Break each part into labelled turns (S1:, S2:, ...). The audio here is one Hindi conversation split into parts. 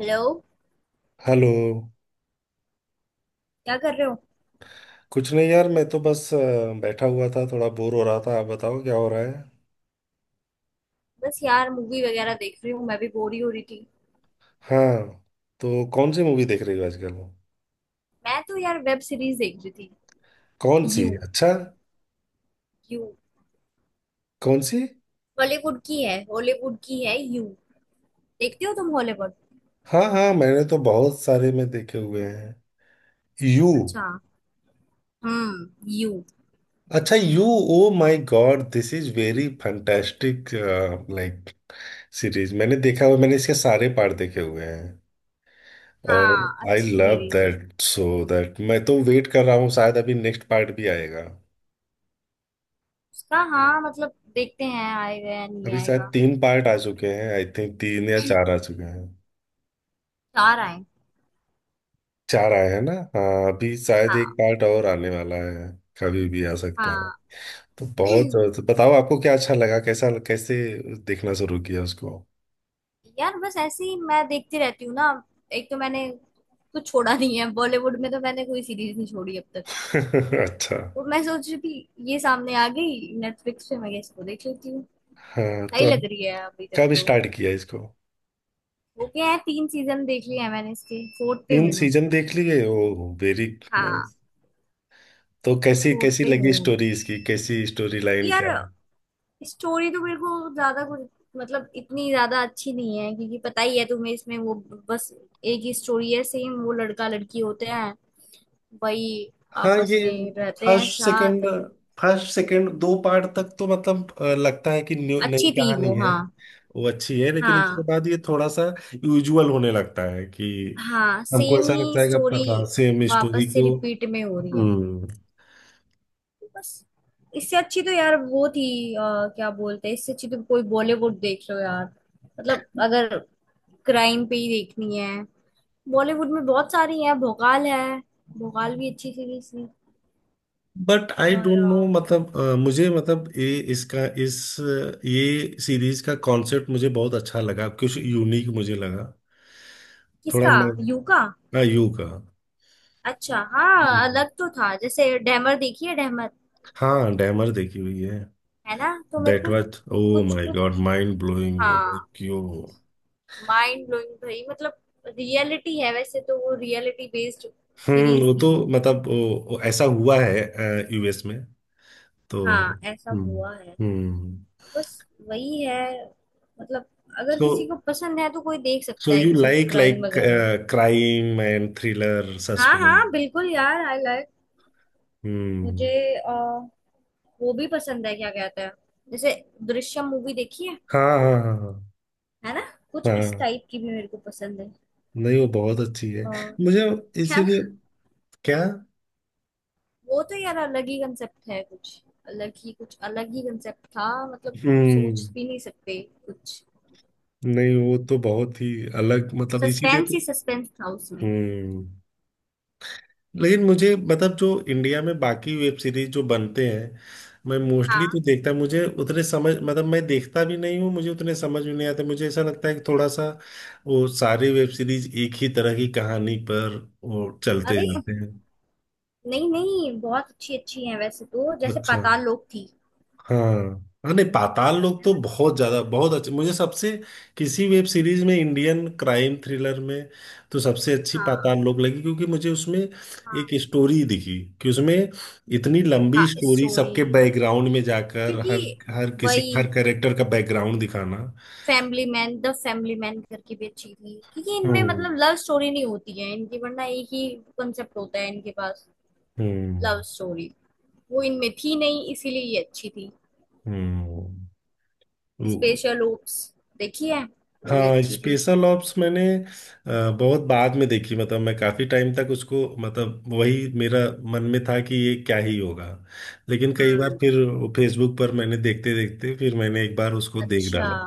S1: हेलो।
S2: हेलो।
S1: क्या कर रहे हो?
S2: कुछ नहीं यार, मैं तो बस बैठा हुआ था, थोड़ा बोर हो रहा था। आप बताओ क्या हो रहा है।
S1: बस यार मूवी वगैरह देख रही हूँ। मैं भी बोर ही हो रही थी।
S2: हाँ। तो कौन सी मूवी देख रही हो आजकल?
S1: मैं तो यार वेब सीरीज देख रही थी।
S2: कौन सी,
S1: यू।
S2: अच्छा।
S1: यू
S2: कौन सी?
S1: बॉलीवुड की है हॉलीवुड की है? यू देखते हो तुम हॉलीवुड?
S2: हाँ हाँ, मैंने तो बहुत सारे में देखे हुए हैं। यू।
S1: अच्छा। हम्म। यू।
S2: अच्छा, यू। Oh my God, this is very fantastic. Like series मैंने देखा हुआ, मैंने इसके सारे पार्ट देखे हुए हैं।
S1: हाँ,
S2: और आई
S1: अच्छी
S2: लव
S1: सीरीज है।
S2: दैट। सो दैट मैं तो वेट कर रहा हूँ, शायद अभी नेक्स्ट पार्ट भी आएगा।
S1: उसका हाँ, मतलब देखते हैं आएगा या नहीं
S2: अभी शायद
S1: आएगा।
S2: तीन पार्ट आ
S1: बट
S2: चुके हैं, आई थिंक तीन या चार आ चुके हैं।
S1: चार आए?
S2: चार आए हैं ना। हाँ अभी शायद एक
S1: हाँ,
S2: पार्ट और आने वाला है। कभी भी आ सकता है।
S1: हाँ।
S2: तो बहुत तो बताओ आपको क्या अच्छा लगा, कैसा, कैसे देखना शुरू किया उसको।
S1: यार बस ऐसे ही मैं देखती रहती हूँ ना। एक तो मैंने कुछ छोड़ा नहीं है बॉलीवुड में, तो मैंने कोई सीरीज नहीं छोड़ी अब तक।
S2: अच्छा।
S1: तो मैं सोच रही थी ये सामने आ गई नेटफ्लिक्स पे, मैं इसको देख लेती हूँ।
S2: हाँ तो
S1: सही
S2: अभी
S1: लग रही है अभी तक
S2: कब
S1: तो।
S2: स्टार्ट किया इसको?
S1: हो गया है, तीन सीजन देख लिए हैं मैंने, इसके फोर्थ पे
S2: तीन
S1: हूँ मैं।
S2: सीजन देख लिए, ओ वेरी
S1: हाँ
S2: नाइस। तो कैसी
S1: फोर्थ
S2: कैसी
S1: पे
S2: लगी
S1: हूँ अभी।
S2: स्टोरी इसकी, कैसी स्टोरी लाइन,
S1: यार
S2: क्या?
S1: स्टोरी तो मेरे को ज्यादा कुछ, मतलब इतनी ज्यादा अच्छी नहीं है, क्योंकि पता ही है तुम्हें इसमें वो, बस एक ही स्टोरी है सेम, वो लड़का लड़की होते हैं वही,
S2: हाँ
S1: आपस
S2: ये
S1: में रहते हैं
S2: फर्स्ट सेकंड,
S1: साथ।
S2: दो पार्ट तक तो मतलब लगता है कि नई
S1: अच्छी थी
S2: कहानी
S1: वो,
S2: है।
S1: हाँ।
S2: वो अच्छी है, लेकिन उसके
S1: हाँ,
S2: बाद ये थोड़ा सा यूजुअल होने लगता है कि
S1: हाँ
S2: हमको
S1: सेम
S2: ऐसा
S1: ही
S2: लगता है कि अब
S1: स्टोरी
S2: पता सेम स्टोरी
S1: वापस से
S2: को।
S1: रिपीट में हो रही है
S2: हम्म।
S1: बस। इससे अच्छी तो यार वो थी, क्या बोलते हैं, इससे अच्छी तो कोई बॉलीवुड देख लो यार, मतलब अगर क्राइम पे ही देखनी है, बॉलीवुड में बहुत सारी है। भोकाल है। भोकाल भी अच्छी सीरीज थी।
S2: बट आई
S1: और
S2: डोंट नो, मतलब मुझे मतलब ये इसका ये सीरीज का कॉन्सेप्ट मुझे बहुत अच्छा लगा, कुछ यूनिक मुझे लगा, थोड़ा
S1: किसका? यू का?
S2: नया। यू का।
S1: अच्छा, हाँ,
S2: हम्म।
S1: अलग तो था, जैसे डैमर देखी है? डैमर?
S2: हाँ डैमर देखी हुई है।
S1: है ना, तो मेरे
S2: दैट
S1: को
S2: वाज ओ
S1: कुछ
S2: माय गॉड
S1: कुछ,
S2: माइंड ब्लोइंग।
S1: हाँ।
S2: क्यों?
S1: माइंड ब्लोइंग भाई, मतलब रियलिटी है वैसे तो, वो रियलिटी बेस्ड सीरीज
S2: वो
S1: थी
S2: तो
S1: वो।
S2: मतलब वो ऐसा हुआ है यूएस में तो।
S1: हाँ, ऐसा
S2: हम्म।
S1: हुआ है,
S2: हम्म।
S1: बस। वही है, मतलब अगर
S2: सो,
S1: किसी को पसंद है तो कोई देख सकता है,
S2: यू
S1: किसी को
S2: लाइक,
S1: क्राइम वगैरह।
S2: क्राइम एंड थ्रिलर
S1: हाँ,
S2: सस्पेंस?
S1: हाँ, बिल्कुल यार, आई लाइक।
S2: हम्म।
S1: मुझे अ, वो भी पसंद है, क्या कहते हैं, जैसे दृश्यम मूवी देखी है?
S2: हाँ हाँ हाँ।
S1: है ना, कुछ
S2: हाँ
S1: इस
S2: हाँ।
S1: टाइप की भी मेरे को पसंद है।
S2: नहीं वो बहुत अच्छी है।
S1: अ,
S2: मुझे
S1: है ना?
S2: इसीलिए क्या।
S1: वो तो यार अलग ही कंसेप्ट है कुछ, अलग ही कुछ, अलग ही कंसेप्ट था, मतलब हम
S2: हम्म।
S1: सोच भी नहीं सकते कुछ।
S2: नहीं वो तो बहुत ही अलग, मतलब इसीलिए
S1: सस्पेंस ही
S2: तो।
S1: सस्पेंस था उसमें।
S2: हम्म। लेकिन मुझे मतलब जो इंडिया में बाकी वेब सीरीज जो बनते हैं, मैं मोस्टली
S1: हाँ,
S2: तो देखता मुझे उतने समझ मतलब मैं देखता भी नहीं हूँ, मुझे उतने समझ भी नहीं आते, मुझे ऐसा लगता है कि थोड़ा सा वो सारे वेब सीरीज एक ही तरह की कहानी पर वो चलते
S1: अरे
S2: जाते हैं।
S1: नहीं, नहीं, बहुत अच्छी अच्छी है वैसे तो, जैसे
S2: अच्छा।
S1: पाताल लोक थी।
S2: हाँ। हाँ, नहीं पाताल लोक
S1: है
S2: तो
S1: ना,
S2: बहुत ज्यादा बहुत अच्छी, मुझे सबसे किसी वेब सीरीज में इंडियन क्राइम थ्रिलर में तो सबसे अच्छी
S1: हाँ,
S2: पाताल लोक लगी, क्योंकि मुझे उसमें
S1: हाँ,
S2: एक स्टोरी दिखी कि उसमें इतनी लंबी
S1: हाँ,
S2: स्टोरी
S1: स्टोरी
S2: सबके
S1: वही,
S2: बैकग्राउंड में जाकर हर
S1: क्योंकि
S2: हर किसी
S1: वही।
S2: हर कैरेक्टर का बैकग्राउंड दिखाना।
S1: Family man, the family man करके भी अच्छी थी, क्योंकि इनमें मतलब
S2: हम्म।
S1: लव स्टोरी नहीं होती है इनकी, वरना एक ही कंसेप्ट होता है इनके पास। लव
S2: हम्म।
S1: स्टोरी वो इनमें थी नहीं, इसीलिए ये अच्छी थी।
S2: हम्म।
S1: स्पेशल ओप्स देखी है? वो भी
S2: हाँ
S1: अच्छी थी।
S2: स्पेशल ऑप्स मैंने बहुत बाद में देखी, मतलब मैं काफ़ी टाइम तक उसको मतलब वही मेरा मन में था कि ये क्या ही होगा, लेकिन कई बार
S1: हम्म,
S2: फिर फेसबुक पर मैंने देखते देखते फिर मैंने एक बार उसको देख
S1: अच्छा।
S2: डाला।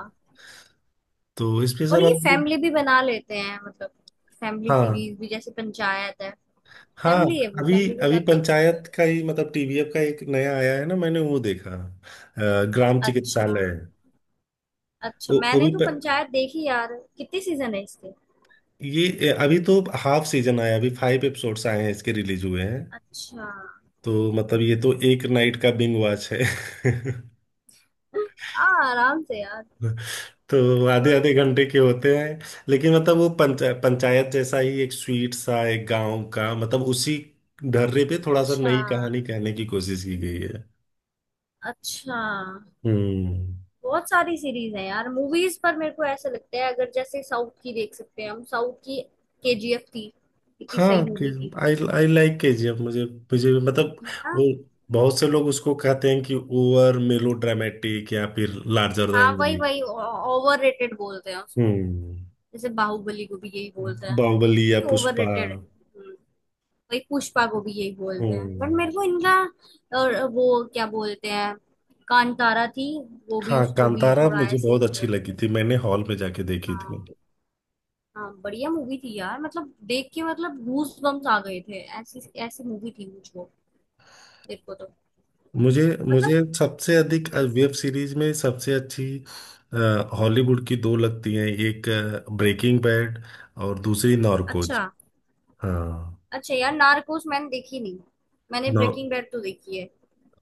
S2: तो
S1: और
S2: स्पेशल
S1: ये
S2: ऑप्स भी।
S1: फैमिली भी बना लेते हैं, मतलब फैमिली
S2: हाँ।
S1: सीरीज भी, जैसे पंचायत है।
S2: हाँ।
S1: फैमिली है वो,
S2: अभी
S1: फैमिली के
S2: अभी
S1: साथ देख सकते हो।
S2: पंचायत का ही मतलब टीवीएफ का एक नया आया है ना, मैंने वो देखा, ग्राम
S1: अच्छा,
S2: चिकित्सालय।
S1: अच्छा
S2: वो
S1: मैंने
S2: भी
S1: तो पंचायत देखी यार, कितने सीजन है इसके?
S2: ये अभी तो हाफ सीजन आया, अभी फाइव एपिसोड्स आए हैं इसके रिलीज हुए हैं।
S1: अच्छा।
S2: तो मतलब ये तो एक नाइट का बिंग वॉच है।
S1: आ, आराम से यार।
S2: तो आधे
S1: और
S2: आधे घंटे के होते हैं। लेकिन मतलब वो पंचायत जैसा ही एक स्वीट सा एक गांव का मतलब उसी ढर्रे पे थोड़ा सा
S1: अच्छा,
S2: नई कहानी कहने की कोशिश की गई है।
S1: अच्छा।
S2: हम्म।
S1: बहुत सारी सीरीज है यार, मूवीज पर मेरे को ऐसा लगता है, अगर जैसे साउथ की देख सकते हैं हम, साउथ की केजीएफ थी, कितनी
S2: हाँ
S1: सही
S2: कि
S1: मूवी थी।
S2: आई आई लाइक केजीएफ। मुझे मुझे भी- मतलब
S1: है ना,
S2: वो बहुत से लोग उसको कहते हैं कि ओवर मेलो ड्रामेटिक या फिर लार्जर
S1: हाँ,
S2: देन
S1: वही
S2: लाइफ।
S1: वही ओवर रेटेड बोलते हैं उसको,
S2: हम्म।
S1: जैसे बाहुबली को भी यही बोलते हैं
S2: बाहुबली या
S1: कि
S2: पुष्पा।
S1: ओवररेटेड है। वही पुष्पा को भी यही बोलते हैं, बट
S2: हम्म।
S1: मेरे को इनका, और वो क्या बोलते हैं, कांतारा थी, वो भी
S2: हाँ
S1: उसको भी
S2: कांतारा
S1: थोड़ा
S2: मुझे
S1: ऐसे ही
S2: बहुत अच्छी
S1: बोलते
S2: लगी
S1: हैं।
S2: थी, मैंने हॉल में जाके देखी थी।
S1: हाँ, हाँ, बढ़िया मूवी थी यार, मतलब देख के मतलब गूज बम्स आ गए थे, ऐसी ऐसी मूवी थी मुझको, देखो तो
S2: मुझे
S1: मतलब।
S2: मुझे सबसे अधिक
S1: हम्म,
S2: वेब सीरीज में सबसे अच्छी हॉलीवुड की दो लगती हैं, एक ब्रेकिंग बैड और दूसरी नॉर्कोज।
S1: अच्छा।
S2: हाँ।
S1: अच्छा यार, नार्कोस मैंने देखी नहीं, मैंने
S2: नौ।
S1: ब्रेकिंग बैड तो देखी है।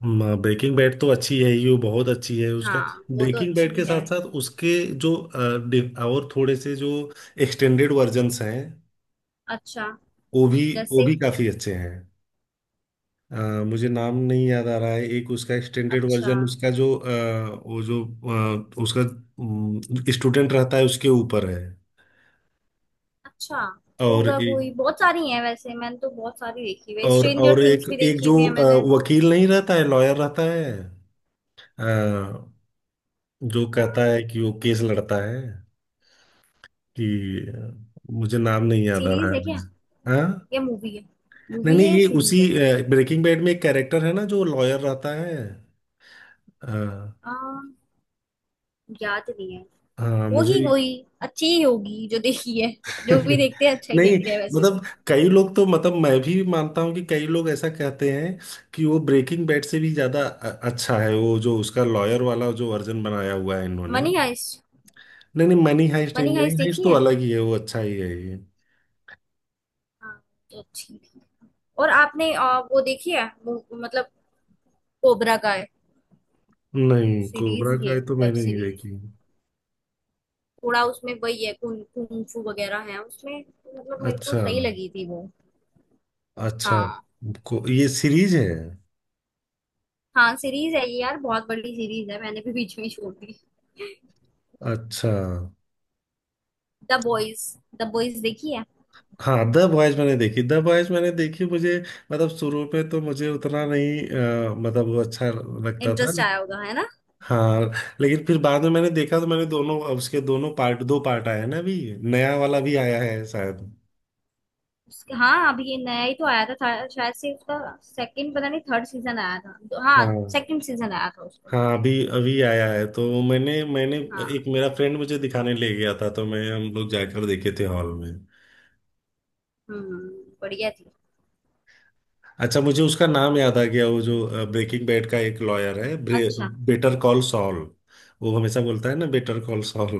S2: ब्रेकिंग बैड तो अच्छी है ही, वो बहुत अच्छी है उसका।
S1: हाँ, वो तो
S2: ब्रेकिंग बैड
S1: अच्छी
S2: के
S1: है।
S2: साथ साथ उसके जो और थोड़े से जो एक्सटेंडेड वर्जन्स हैं,
S1: अच्छा।
S2: वो भी वो
S1: जैसे?
S2: भी काफी अच्छे हैं। अ, मुझे नाम नहीं याद आ रहा है। एक उसका एक्सटेंडेड
S1: अच्छा,
S2: वर्जन उसका जो वो जो उसका स्टूडेंट रहता है उसके ऊपर है।
S1: अच्छा।
S2: और
S1: होगा कोई,
S2: एक,
S1: बहुत सारी हैं वैसे, मैंने तो बहुत सारी देखी हुई है,
S2: और
S1: स्ट्रेंजर
S2: और एक
S1: थिंग्स भी
S2: एक
S1: देखी
S2: जो
S1: हुई है मैंने।
S2: वकील नहीं रहता है, लॉयर रहता है। अ, जो कहता है कि वो केस लड़ता है कि मुझे नाम नहीं याद आ रहा
S1: सीरीज है क्या
S2: है। हाँ।
S1: या मूवी है?
S2: नहीं
S1: मूवी
S2: नहीं,
S1: है
S2: ये उसी
S1: सीरीज है?
S2: ब्रेकिंग बैड में एक कैरेक्टर है ना जो लॉयर रहता है। अ,
S1: आ, याद नहीं है,
S2: हाँ मुझे।
S1: होगी कोई। अच्छी ही होगी जो देखी है, जो भी देखते हैं अच्छा ही
S2: नहीं,
S1: देखते हैं वैसे तो।
S2: मतलब कई लोग तो मतलब मैं भी मानता हूँ कि कई लोग ऐसा कहते हैं कि वो ब्रेकिंग बैड से भी ज्यादा अच्छा है, वो जो उसका लॉयर वाला जो वर्जन बनाया हुआ है इन्होंने।
S1: Money heist.
S2: नहीं नहीं मनी हाइस्ट, नहीं
S1: मनी
S2: मनी
S1: हाइस्ट
S2: हाइस्ट
S1: देखी
S2: तो
S1: है?
S2: अलग ही है, वो अच्छा ही है ये।
S1: हाँ तो अच्छी थी। और आपने वो देखी है? मतलब कोबरा का है?
S2: नहीं
S1: सीरीज
S2: कोबरा
S1: ही है
S2: काय तो
S1: वेब
S2: मैंने नहीं
S1: सीरीज।
S2: देखी।
S1: थोड़ा उसमें वही है, कुंफू वगैरह है उसमें, तो मतलब मेरे को
S2: अच्छा।
S1: सही लगी थी वो।
S2: अच्छा।
S1: हाँ,
S2: ये सीरीज है?
S1: हाँ सीरीज है ये यार, बहुत बड़ी सीरीज है, मैंने भी बीच में ही छोड़ दी।
S2: अच्छा।
S1: The boys. द बॉयज देखी है?
S2: हाँ द बॉयज मैंने देखी, द बॉयज मैंने देखी। मुझे मतलब शुरू में तो मुझे उतना नहीं मतलब वो अच्छा लगता था।
S1: इंटरेस्ट आया होगा, है ना?
S2: हाँ। लेकिन फिर बाद में मैंने देखा तो मैंने दोनों उसके दोनों पार्ट, दो पार्ट आए हैं ना अभी, नया वाला भी आया है शायद।
S1: हाँ, अभी ये नया ही तो आया था शायद से, उसका सेकंड पता नहीं थर्ड सीजन आया था, हाँ,
S2: हाँ।
S1: सेकंड सीजन आया था उसका।
S2: हाँ। अभी अभी आया है तो मैंने मैंने एक
S1: हाँ।
S2: मेरा फ्रेंड मुझे दिखाने ले गया था तो मैं हम लोग जाकर देखे थे हॉल में।
S1: हम्म। बढ़िया थी।
S2: अच्छा, मुझे उसका नाम याद आ गया, वो जो ब्रेकिंग बैड का एक लॉयर है,
S1: अच्छा,
S2: बेटर कॉल सॉल। वो हमेशा बोलता है ना बेटर कॉल सॉल।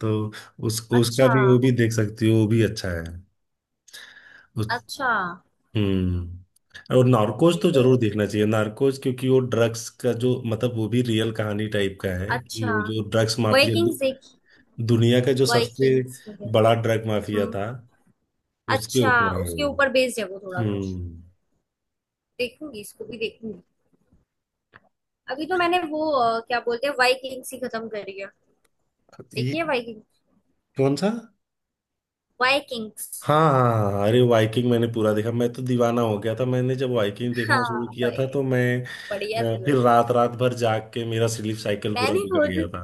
S2: तो उस उसका
S1: अच्छा,
S2: भी, वो भी देख सकती हो, वो भी अच्छा है।
S1: अच्छा,
S2: और नार्कोज तो जरूर
S1: बिल्कुल,
S2: देखना चाहिए। नार्कोज क्योंकि वो ड्रग्स का जो मतलब वो भी रियल कहानी टाइप का है कि
S1: अच्छा।
S2: वो जो ड्रग्स माफिया
S1: वाइकिंग्स देखी?
S2: दुनिया का जो सबसे
S1: वाइकिंग्स वगैरह?
S2: बड़ा ड्रग माफिया
S1: हम्म,
S2: था उसके
S1: अच्छा।
S2: ऊपर है
S1: उसके
S2: वो।
S1: ऊपर बेस्ड है वो थोड़ा कुछ।
S2: हम्म।
S1: देखूंगी, इसको भी देखूंगी। अभी तो मैंने वो क्या बोलते हैं वाइकिंग्स ही खत्म करी है।
S2: ये
S1: देखिए वाइकिंग।
S2: कौन सा?
S1: वाइकिंग्स।
S2: हाँ हाँ हाँ, अरे वाइकिंग मैंने पूरा देखा, मैं तो दीवाना हो गया था। मैंने जब वाइकिंग देखना
S1: हाँ
S2: शुरू किया
S1: भाई,
S2: था तो मैं
S1: बढ़िया थी
S2: फिर
S1: भाई,
S2: रात रात भर जाग के मेरा स्लीप साइकिल पूरा
S1: मैंने
S2: बिगड़
S1: खुद
S2: गया था।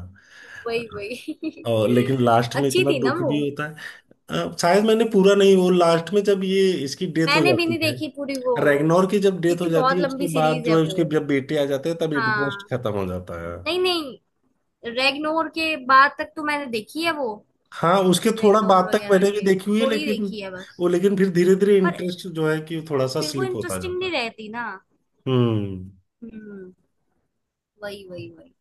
S1: वही, वही
S2: और लेकिन लास्ट में
S1: अच्छी
S2: इतना
S1: थी ना
S2: दुख
S1: वो।
S2: भी होता है। शायद मैंने पूरा नहीं। वो लास्ट में जब ये इसकी डेथ हो
S1: मैंने भी
S2: जाती
S1: नहीं
S2: है,
S1: देखी पूरी वो,
S2: रैगनोर की जब डेथ
S1: क्योंकि
S2: हो जाती
S1: बहुत
S2: है,
S1: लंबी
S2: उसके बाद
S1: सीरीज है
S2: जो है
S1: वो।
S2: उसके जब बेटे आ जाते हैं तब इंटरेस्ट
S1: हाँ,
S2: खत्म हो जाता है।
S1: नहीं, नहीं, रेगनोर के बाद तक तो मैंने देखी है वो,
S2: हाँ उसके थोड़ा
S1: रेगनोर
S2: बाद तक
S1: वगैरह
S2: मैंने भी
S1: के
S2: देखी हुई है
S1: थोड़ी
S2: लेकिन
S1: देखी है बस।
S2: वो लेकिन फिर धीरे धीरे
S1: पर
S2: इंटरेस्ट जो है कि थोड़ा सा
S1: फिर वो
S2: स्लिप होता
S1: इंटरेस्टिंग
S2: जाता
S1: नहीं
S2: है।
S1: रहती ना।
S2: हम्म।
S1: हम्म, वही वही वही।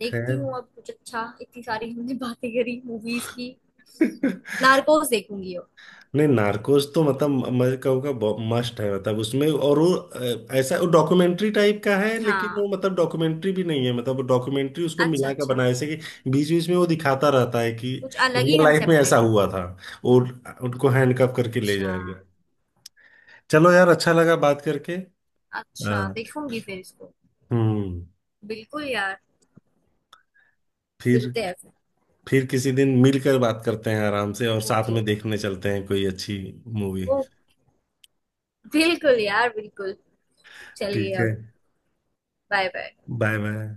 S1: देखती
S2: खैर।
S1: हूँ अब कुछ अच्छा। इतनी सारी हमने बातें करी मूवीज की। नार्कोस देखूंगी अब।
S2: नहीं नार्कोस तो मतलब मैं कहूँगा मस्ट है। मतलब उसमें और वो ऐसा वो डॉक्यूमेंट्री टाइप का है लेकिन वो
S1: हाँ,
S2: मतलब डॉक्यूमेंट्री भी नहीं है, मतलब डॉक्यूमेंट्री उसको
S1: अच्छा,
S2: मिला कर
S1: अच्छा।
S2: बनाया, जैसे कि बीच बीच में वो दिखाता रहता है कि
S1: कुछ अलग ही
S2: रियल लाइफ में
S1: कंसेप्ट है।
S2: ऐसा हुआ था और उनको हैंडकफ करके ले
S1: अच्छा,
S2: जाया गया। चलो यार अच्छा लगा बात करके।
S1: अच्छा
S2: हाँ।
S1: देखूंगी फिर इसको।
S2: हम्म।
S1: बिल्कुल यार,
S2: फिर
S1: मिलते हैं फिर।
S2: फिर किसी दिन मिलकर बात करते हैं आराम से, और साथ
S1: ओके।
S2: में देखने चलते हैं कोई अच्छी मूवी।
S1: ओ, बिल्कुल यार, बिल्कुल। चलिए
S2: ठीक है।
S1: अब। Bye bye.
S2: Bye bye.